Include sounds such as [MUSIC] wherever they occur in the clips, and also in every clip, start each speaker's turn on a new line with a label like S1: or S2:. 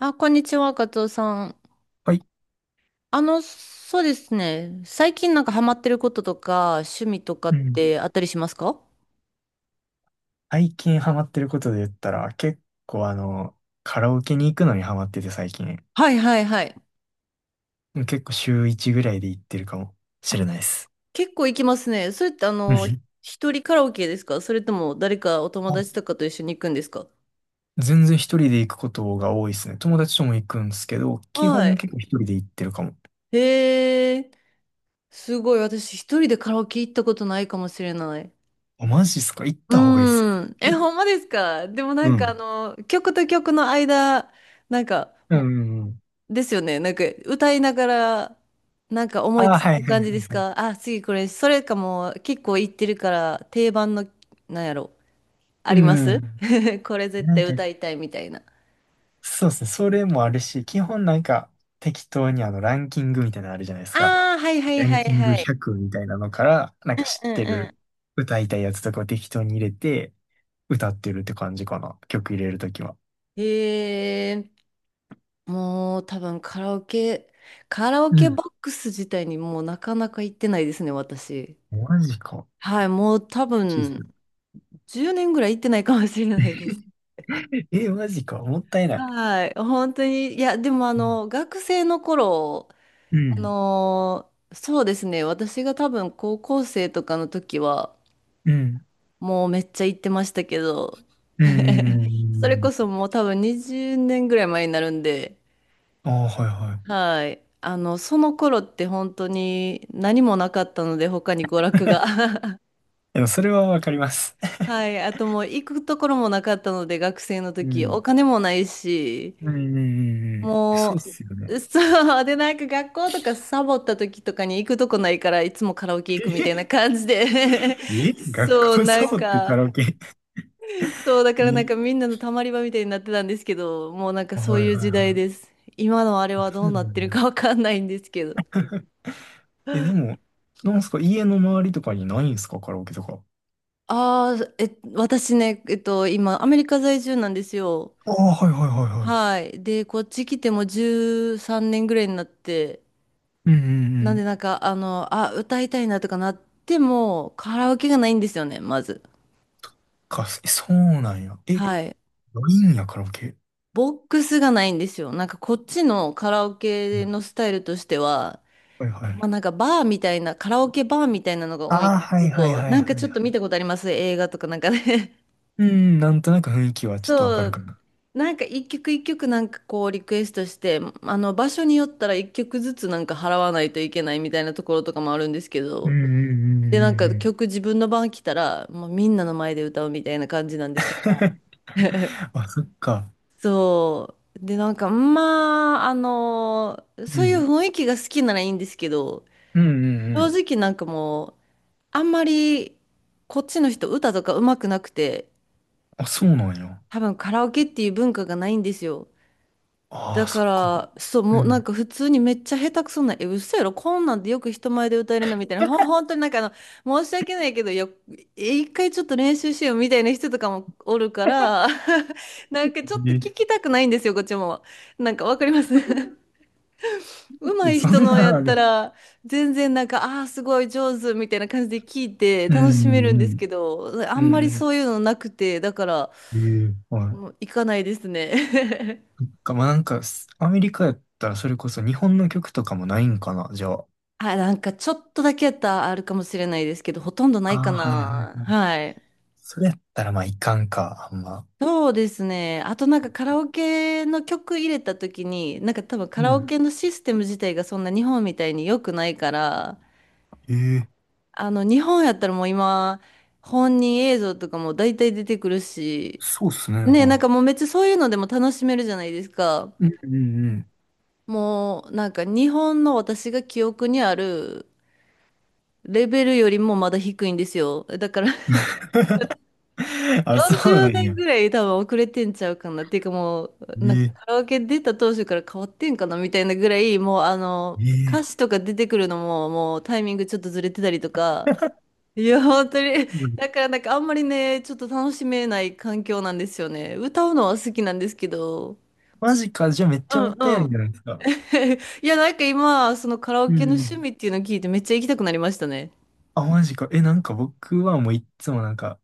S1: あ、こんにちは、カツオさん。
S2: はい。
S1: そうですね。最近ハマってることとか、趣味とかっ
S2: うん。
S1: てあったりしますか？
S2: 最近ハマってることで言ったら、結構カラオケに行くのにハマってて最近。
S1: はいはいはい。
S2: 結構週1ぐらいで行ってるかもしれ
S1: あ、
S2: ないです。
S1: 結構行きますね。それって
S2: うん。
S1: 一人カラオケですか？それとも誰かお友
S2: あ、
S1: 達とかと一緒に行くんですか？
S2: 全然一人で行くことが多いですね。友達とも行くんですけど、基
S1: は
S2: 本
S1: い。
S2: 結構一人で行ってるかも。
S1: へえ、すごい。私一人でカラオケ行ったことないかもしれない。
S2: あ、マジっすか？行っ
S1: う
S2: た方がいいっす。
S1: ーん。え、ほんまですか？でも
S2: うん。
S1: 曲と曲の間、なんか、
S2: [LAUGHS] うんうんうん。
S1: ですよね。歌いながら、思
S2: あ、
S1: いつ
S2: はいは
S1: く
S2: いは
S1: 感じです
S2: いはい。
S1: か？あ、次これ、それかも結構言ってるから定番の、なんやろ、あ
S2: う
S1: ります。
S2: ん。
S1: [LAUGHS] これ絶
S2: なん
S1: 対
S2: か、
S1: 歌いたいみたいな。
S2: そうですね。それもあるし、基本なんか適当にランキングみたいなのあるじゃないですか。
S1: ああ、はいはい
S2: ラン
S1: はい
S2: キン
S1: は
S2: グ
S1: い。
S2: 100みたいなのから、なんか知
S1: う
S2: っ
S1: ん
S2: てる
S1: う
S2: 歌いたいやつとかを適当に入れて、歌ってるって感じかな。曲入れるときは。
S1: ん。へえ、もう多分カラオ
S2: う
S1: ケ
S2: ん。
S1: ボックス自体にもうなかなか行ってないですね、私。
S2: マジか。
S1: はい、もう多
S2: システ
S1: 分
S2: ム。
S1: 10年ぐらい行ってないかもしれないです。
S2: [LAUGHS] え、マジか。もったいない。
S1: はい、本当に、いや、でも
S2: うん。
S1: 学生の頃、
S2: うん。
S1: そうですね、私が多分高校生とかの時は、
S2: うん。
S1: もうめっちゃ行ってましたけど、
S2: うん。うん
S1: それ
S2: う
S1: こそ
S2: ん。
S1: もう多分20年ぐらい前になるんで、
S2: ああ、はいはい。
S1: はい、その頃って本当に何もなかったので、他に娯楽が。
S2: [LAUGHS]
S1: [LAUGHS]
S2: でもそれはわかります。
S1: はい、あともう行くところもなかったので、学生の
S2: う
S1: 時、お
S2: ん。
S1: 金もないし、
S2: うんうんうんうん。
S1: も
S2: そうっすよね。
S1: う、そう。で、学校とかサボった時とかに行くとこないから、いつもカラオケ行くみ
S2: え、
S1: たいな感じで。 [LAUGHS]
S2: 学
S1: そう、
S2: 校サボってカラオケ
S1: そう、だから
S2: に。
S1: みんなのたまり場みたいになってたんですけど、もう
S2: [LAUGHS] あ、
S1: そう
S2: はい
S1: いう
S2: は
S1: 時
S2: いは
S1: 代
S2: い。
S1: です。今のあれは
S2: そ
S1: ど
S2: う。
S1: うなってる
S2: ん、
S1: かわかんないんですけど。
S2: え、でも、なんすか、家の周りとかにないんすか、カラオケとか。
S1: ああ、え、私ね、えっと、今、アメリカ在住なんですよ。
S2: ああ、はいはいはいは
S1: はい。で、こっち来てもう13年ぐらいになって、
S2: い。うんうんう
S1: なんで
S2: ん。
S1: なんか、あの、あ、歌いたいなとかなっても、カラオケがないんですよね、まず。
S2: か、え、そうなんや。え、な
S1: はい。
S2: いんや、カラオケ。
S1: ボックスがないんですよ。こっちのカラオ
S2: う
S1: ケ
S2: ん。
S1: のスタイルとしては、
S2: はいは
S1: ま
S2: い。
S1: あバーみたいな、カラオケバーみたいなのが多いん
S2: ああ、
S1: です
S2: は
S1: け
S2: いはい
S1: ど、
S2: はいは
S1: ちょ
S2: い
S1: っ
S2: は
S1: と見
S2: い。
S1: たことあります映画とかなんかね。
S2: うん、なんとなく雰囲気は
S1: [LAUGHS]
S2: ちょっとわか
S1: そ
S2: るか
S1: う。
S2: も。
S1: 一曲一曲なんかこうリクエストして、あの場所によったら一曲ずつ払わないといけないみたいなところとかもあるんですけ
S2: う
S1: ど、
S2: んうんうんう
S1: で、
S2: んうん。
S1: 曲自分の番来たら、もうみんなの前で歌うみたいな感じなんですよ。
S2: [LAUGHS] あ、そっか。
S1: そう。で、
S2: う
S1: そういう
S2: ん
S1: 雰囲気が好きならいいんですけど、
S2: うん。うんうんうんう
S1: 正
S2: ん。
S1: 直なんかもう、あんまり、こっちの人歌とか上手くなくて、
S2: あ、そうなんや。
S1: 多分カラオケっていう文化がないんですよ。
S2: あ
S1: だ
S2: あ、そ
S1: か
S2: っか。
S1: ら、そう、
S2: う
S1: もう
S2: ん。
S1: 普通にめっちゃ下手くそな、え、嘘やろ、こんなんでよく人前で歌えるなみたいな、本当に申し訳ないけど、え一回ちょっと練習しようみたいな人とかもおるから、[LAUGHS] なんかちょ
S2: う
S1: っと
S2: ん。
S1: 聞きたくないんですよ、こっちも。なんかわかります。 [LAUGHS] 上
S2: え、
S1: 手い
S2: そ
S1: 人
S2: ん
S1: のや
S2: なあ
S1: った
S2: れ。
S1: ら、全然ああー、すごい上手みたいな感じで聞いて
S2: う
S1: 楽しめるんです
S2: ん
S1: けど、
S2: うん
S1: あ
S2: う
S1: んま
S2: ん。
S1: り
S2: うん
S1: そういうのなくて、だから、
S2: うん。ええ、は
S1: も
S2: い。
S1: う行かないですね。[LAUGHS]
S2: か、まあ、なんか、す、アメリカやったらそれこそ日本の曲とかもないんかな、じゃあ。
S1: あ、なんかちょっとだけやったらあるかもしれないですけど、ほとんどない
S2: あ
S1: か
S2: あ、はいはい
S1: な。
S2: はい。
S1: はい。
S2: それやったらまあいかんか、あんま。
S1: そうですね。あとカラオケの曲入れた時に、多分カ
S2: う
S1: ラオ
S2: ん。
S1: ケのシステム自体がそんな日本みたいに良くないから、
S2: ええ、
S1: あの日本やったらもう今、本人映像とかも大体出てくるし、
S2: そうっすね、
S1: ね、
S2: は
S1: もうめっちゃそういうのでも楽しめるじゃないですか。
S2: い。うんうんうん。
S1: もう日本の私が記憶にあるレベルよりもまだ低いんですよ。だから
S2: [LAUGHS] あ、そう
S1: 40
S2: なん
S1: 年
S2: や。
S1: ぐらい多分遅れてんちゃうかなっていうか、もう
S2: え
S1: カ
S2: え
S1: ラオケ出た当初から変わってんかなみたいなぐらい、もうあの
S2: え
S1: 歌
S2: え。
S1: 詞とか出てくるのももうタイミングちょっとずれてたりとか。
S2: [LAUGHS]
S1: [LAUGHS] いや本当に、
S2: うん。
S1: だからあんまりねちょっと楽しめない環境なんですよね、歌うのは好きなんですけど。
S2: マジか、じゃあめっち
S1: う
S2: ゃも
S1: ん
S2: ったいな
S1: う
S2: いんじゃ
S1: ん。
S2: ないですか。
S1: [LAUGHS] いや今そのカラオ
S2: う
S1: ケ
S2: んう
S1: の趣
S2: ん。
S1: 味っていうのを聞いてめっちゃ行きたくなりましたね。
S2: あ、マジか。え、なんか僕はもういっつもなんか、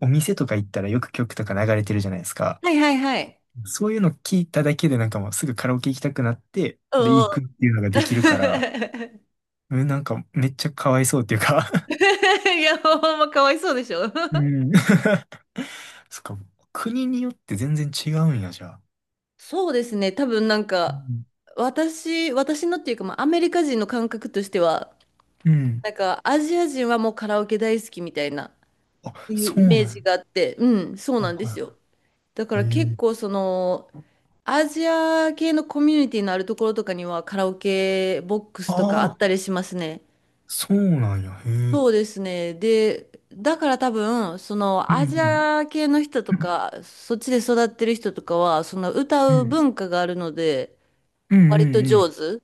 S2: お店とか行ったらよく曲とか流れてるじゃないですか。
S1: はいはいはい。
S2: そういうの聞いただけでなんかもうすぐカラオケ行きたくなって、
S1: う
S2: で、
S1: んうん。
S2: 行くっていうのがで
S1: [LAUGHS]
S2: きるから、うん、なんかめっちゃかわいそうっていうか。 [LAUGHS]
S1: いやほんまかわいそうでしょ。
S2: うん。[LAUGHS] そっか、国によって全然違うんや、じゃあ。
S1: そうですね。多分
S2: うん。
S1: 私のっていうか、まあ、アメリカ人の感覚としては、
S2: うん。
S1: アジア人はもうカラオケ大好きみたいな、っ
S2: あ、
S1: ていう
S2: そ
S1: イ
S2: うなん
S1: メージ
S2: や。
S1: があって、うん、そう
S2: あ、
S1: なんです
S2: は
S1: よ。だか
S2: い。え
S1: ら結
S2: え。
S1: 構、その、アジア系のコミュニティのあるところとかには、カラオケボックス
S2: あ
S1: とかあっ
S2: あ、
S1: たりしますね。
S2: そうなんや。へえ。
S1: そうですね。で、だから多分、その、
S2: う
S1: アジ
S2: ん。
S1: ア系の人と
S2: うん。
S1: か、そっちで育ってる人とかは、その、
S2: う
S1: 歌う
S2: ん。
S1: 文化があるので、
S2: うんう
S1: 割と
S2: んうん。
S1: 上手。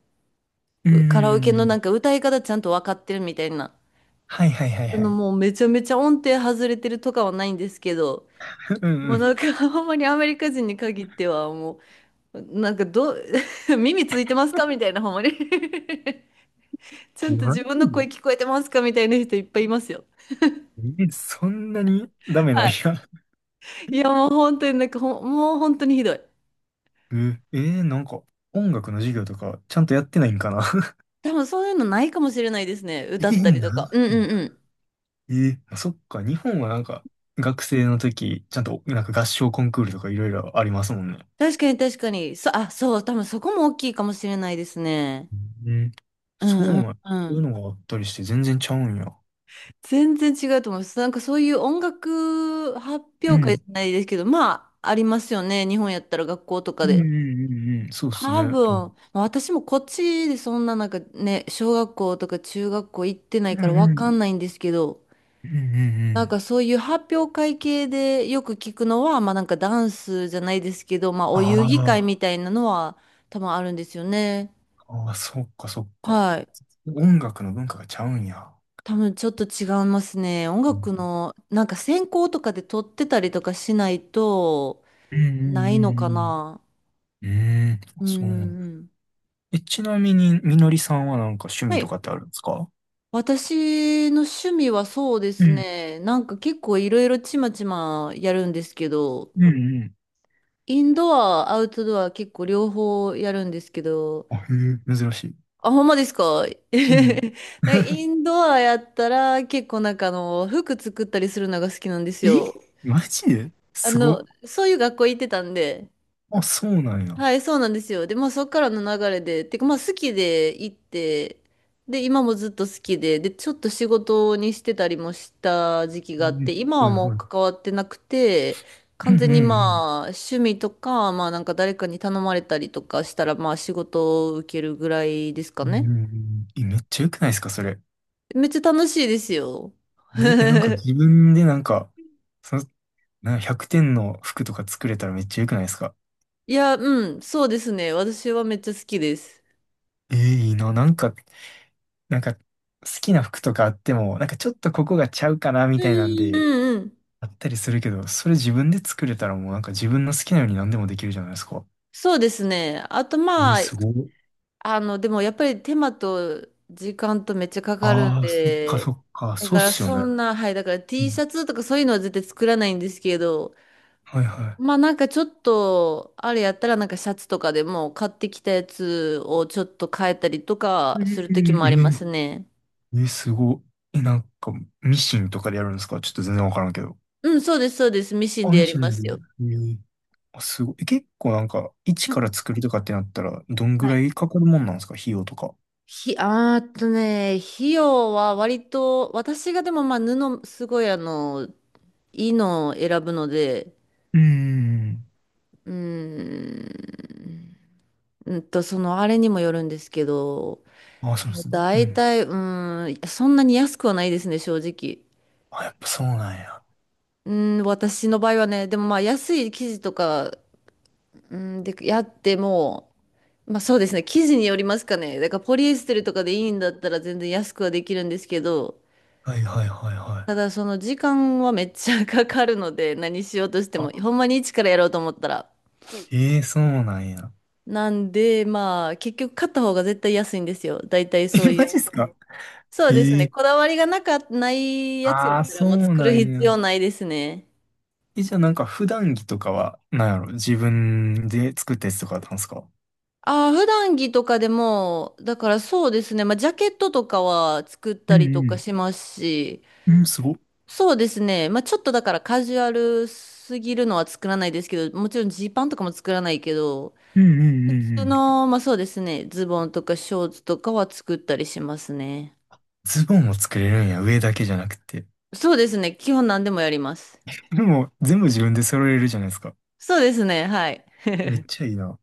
S2: うんう
S1: うカラオケ
S2: んう
S1: の
S2: ん。
S1: 歌い方ちゃんと分かってるみたいな。
S2: はいはいはい
S1: そ
S2: は
S1: の
S2: い。
S1: もうめちゃめちゃ音程外れてるとかはないんですけど、
S2: [LAUGHS] う
S1: もう
S2: ん
S1: なんか。 [LAUGHS] ほんまにアメリカ人に限ってはもう、なんかどう。 [LAUGHS]、耳ついてますかみたいな、ほんまに。 [LAUGHS] ちゃ
S2: うん。
S1: んと
S2: マ
S1: 自
S2: ジ
S1: 分の声
S2: で。
S1: 聞こえてますかみたいな人いっぱいいますよ。
S2: え、そんなにダメな
S1: は
S2: んや。
S1: い。いやもう本当になんかほん、もう本当にひどい。
S2: なんか、音楽の授業とか、ちゃんとやってないんかな。
S1: 多分そういうのないかもしれないですね。
S2: [LAUGHS] え
S1: 歌った
S2: ー、
S1: りと
S2: な
S1: か。
S2: ん
S1: うんうんうん。
S2: えー、あ、そっか、日本はなんか、学生の時、ちゃんと、なんか合唱コンクールとかいろいろありますもんね。
S1: 確かに確かに。そう、多分そこも大きいかもしれないですね。
S2: うん。
S1: う
S2: そう
S1: んう
S2: なん
S1: ん
S2: や、
S1: う
S2: そういう
S1: ん。
S2: のがあったりして、全然ちゃうんや。
S1: 全然違うと思います。そういう音楽発
S2: う
S1: 表会
S2: ん。
S1: じゃないですけど、まあ、ありますよね。日本やったら学校とか
S2: うんうん
S1: で。
S2: うんうん。そうっすね。
S1: 多
S2: う
S1: 分、
S2: ん
S1: 私もこっちでそんな小学校とか中学校行ってな
S2: う
S1: いから
S2: ん
S1: わ
S2: う
S1: か
S2: ん
S1: んないんですけど、
S2: うんうんうん。
S1: そういう発表会系でよく聞くのは、まあダンスじゃないですけど、まあお遊戯会
S2: あ
S1: みたいなのは多分あるんですよね。
S2: あ、ああ、そっかそっか。
S1: はい。
S2: 音楽の文化がちゃうんや。
S1: 多分ちょっと違いますね。音
S2: う
S1: 楽
S2: ん
S1: の、専攻とかで取ってたりとかしないと、
S2: うん
S1: な
S2: うん
S1: いのかな。
S2: うん。うーん、
S1: う
S2: そ
S1: ん
S2: う。
S1: うん。
S2: え、ちなみに、みのりさんはなんか趣味
S1: は
S2: と
S1: い。
S2: かってあるんですか？
S1: 私の趣味はそうで
S2: う
S1: す
S2: ん、
S1: ね。結構いろいろちまちまやるんですけど、
S2: うん、うん、
S1: インドア、アウトドア結構両方やるんですけど、
S2: あ、へえ、珍しい。
S1: あ、ほんまですか？ [LAUGHS] なん
S2: うん。
S1: かイ
S2: [LAUGHS]
S1: ンドアやったら結構服作ったりするのが好きなんです
S2: い。え、
S1: よ。
S2: マジですごっ。
S1: そういう学校行ってたんで、
S2: あ、そうなんや。
S1: はい、そうなんですよ。で、まあそっからの流れで、てかまあ好きで行って、で、今もずっと好きで、で、ちょっと仕事にしてたりもした時期があっ
S2: え、
S1: て、今は
S2: はい
S1: もう
S2: はい。
S1: 関わってなくて、
S2: う
S1: 完
S2: んうん
S1: 全
S2: う
S1: に
S2: ん。
S1: まあ趣味とか、まあ誰かに頼まれたりとかしたら、まあ仕事を受けるぐらいですか
S2: うんうん
S1: ね。
S2: うん。え、めっちゃ良くないですか、それ。
S1: めっちゃ楽しいですよ。
S2: ね、え、なんか
S1: [LAUGHS]
S2: 自分でなんか、その、なんか100点の服とか作れたらめっちゃ良くないですか？
S1: いや、うん、そうですね。私はめっちゃ好きです。
S2: えー、いいな。なんか、なんか、好きな服とかあっても、なんかちょっとここがちゃうかな、み
S1: う
S2: たいなん
S1: んう
S2: で、
S1: んうん。
S2: あったりするけど、それ自分で作れたらもうなんか自分の好きなように何でもできるじゃないですか。
S1: そうですね。あと
S2: え、
S1: まあ、
S2: すごい。
S1: あの、でもやっぱり手間と時間とめっちゃかかるん
S2: ああ、そっか
S1: で、
S2: そっか、
S1: だ
S2: そうっ
S1: から
S2: すよ
S1: そ
S2: ね。
S1: んな、はい、だから
S2: う
S1: T シ
S2: ん。
S1: ャツとかそういうのは絶対作らないんですけど、
S2: はいは
S1: まあなんかちょっと、あれやったらなんかシャツとかでも買ってきたやつをちょっと変えたりと
S2: い。
S1: かする時も
S2: う
S1: あり
S2: ん。
S1: ますね。
S2: え、すごい。え、なんか、ミシンとかでやるんですか？ちょっと全然わからんけど。
S1: うん、そうです、そうです。ミシン
S2: あ、
S1: でや
S2: ミ
S1: り
S2: シ
S1: ま
S2: ンで。
S1: すよ。
S2: ええ、あ、すごい。え、結構なんか、一
S1: う
S2: か
S1: ん
S2: ら作るとかってなったら、どんぐ
S1: はい。
S2: らいかかるもんなんですか？費用とか。
S1: あーっとね、費用は割と、私がでもまあすごいいいのを選ぶので、
S2: うーん。
S1: うーん。うんと、その、あれにもよるんですけど、
S2: あ、そうですね。う
S1: 大
S2: ん。
S1: 体、うーん、そんなに安くはないですね、正直。
S2: あ、やっぱそうなんや。
S1: うん、私の場合はね、でもまあ、安い生地とか、うん、で、やっても、まあそうですね、生地によりますかね。だから、ポリエステルとかでいいんだったら全然安くはできるんですけど、
S2: はいはいはいは
S1: た
S2: い。
S1: だ、その時間はめっちゃかかるので、何しようとしても、
S2: あ、
S1: ほんまに一からやろうと思ったら。
S2: ええ、そうなんや。
S1: なんで、まあ、結局買った方が絶対安いんですよ。大体
S2: [LAUGHS]
S1: そ
S2: え、
S1: うい
S2: マ
S1: う。
S2: ジっすか？
S1: そうです
S2: え
S1: ね。
S2: え。
S1: こだわりがなか、ないやつやっ
S2: ああー、
S1: たら
S2: そ
S1: もう
S2: う
S1: 作
S2: な
S1: る
S2: ん
S1: 必
S2: や。
S1: 要ないですね。
S2: え、じゃあなんか普段着とかは、なんやろ、自分で作ったやつとかだったんですか？
S1: ああ、普段着とかでも、だからそうですね。まあ、ジャケットとかは作っ
S2: う
S1: たりとか
S2: ん
S1: しますし、
S2: うん。うん、すごっ。
S1: そうですね。まあ、ちょっとだからカジュアルすぎるのは作らないですけど、もちろんジーパンとかも作らないけど、
S2: うんうん
S1: 普
S2: うんう
S1: 通
S2: ん。
S1: の、まあそうですね。ズボンとかショーツとかは作ったりしますね。
S2: ズボンも作れるんや、上だけじゃなくて。
S1: そうですね。基本何でもやります。
S2: でも、全部自分で揃えれるじゃないですか。
S1: そうですね。はい。
S2: めっちゃいいな。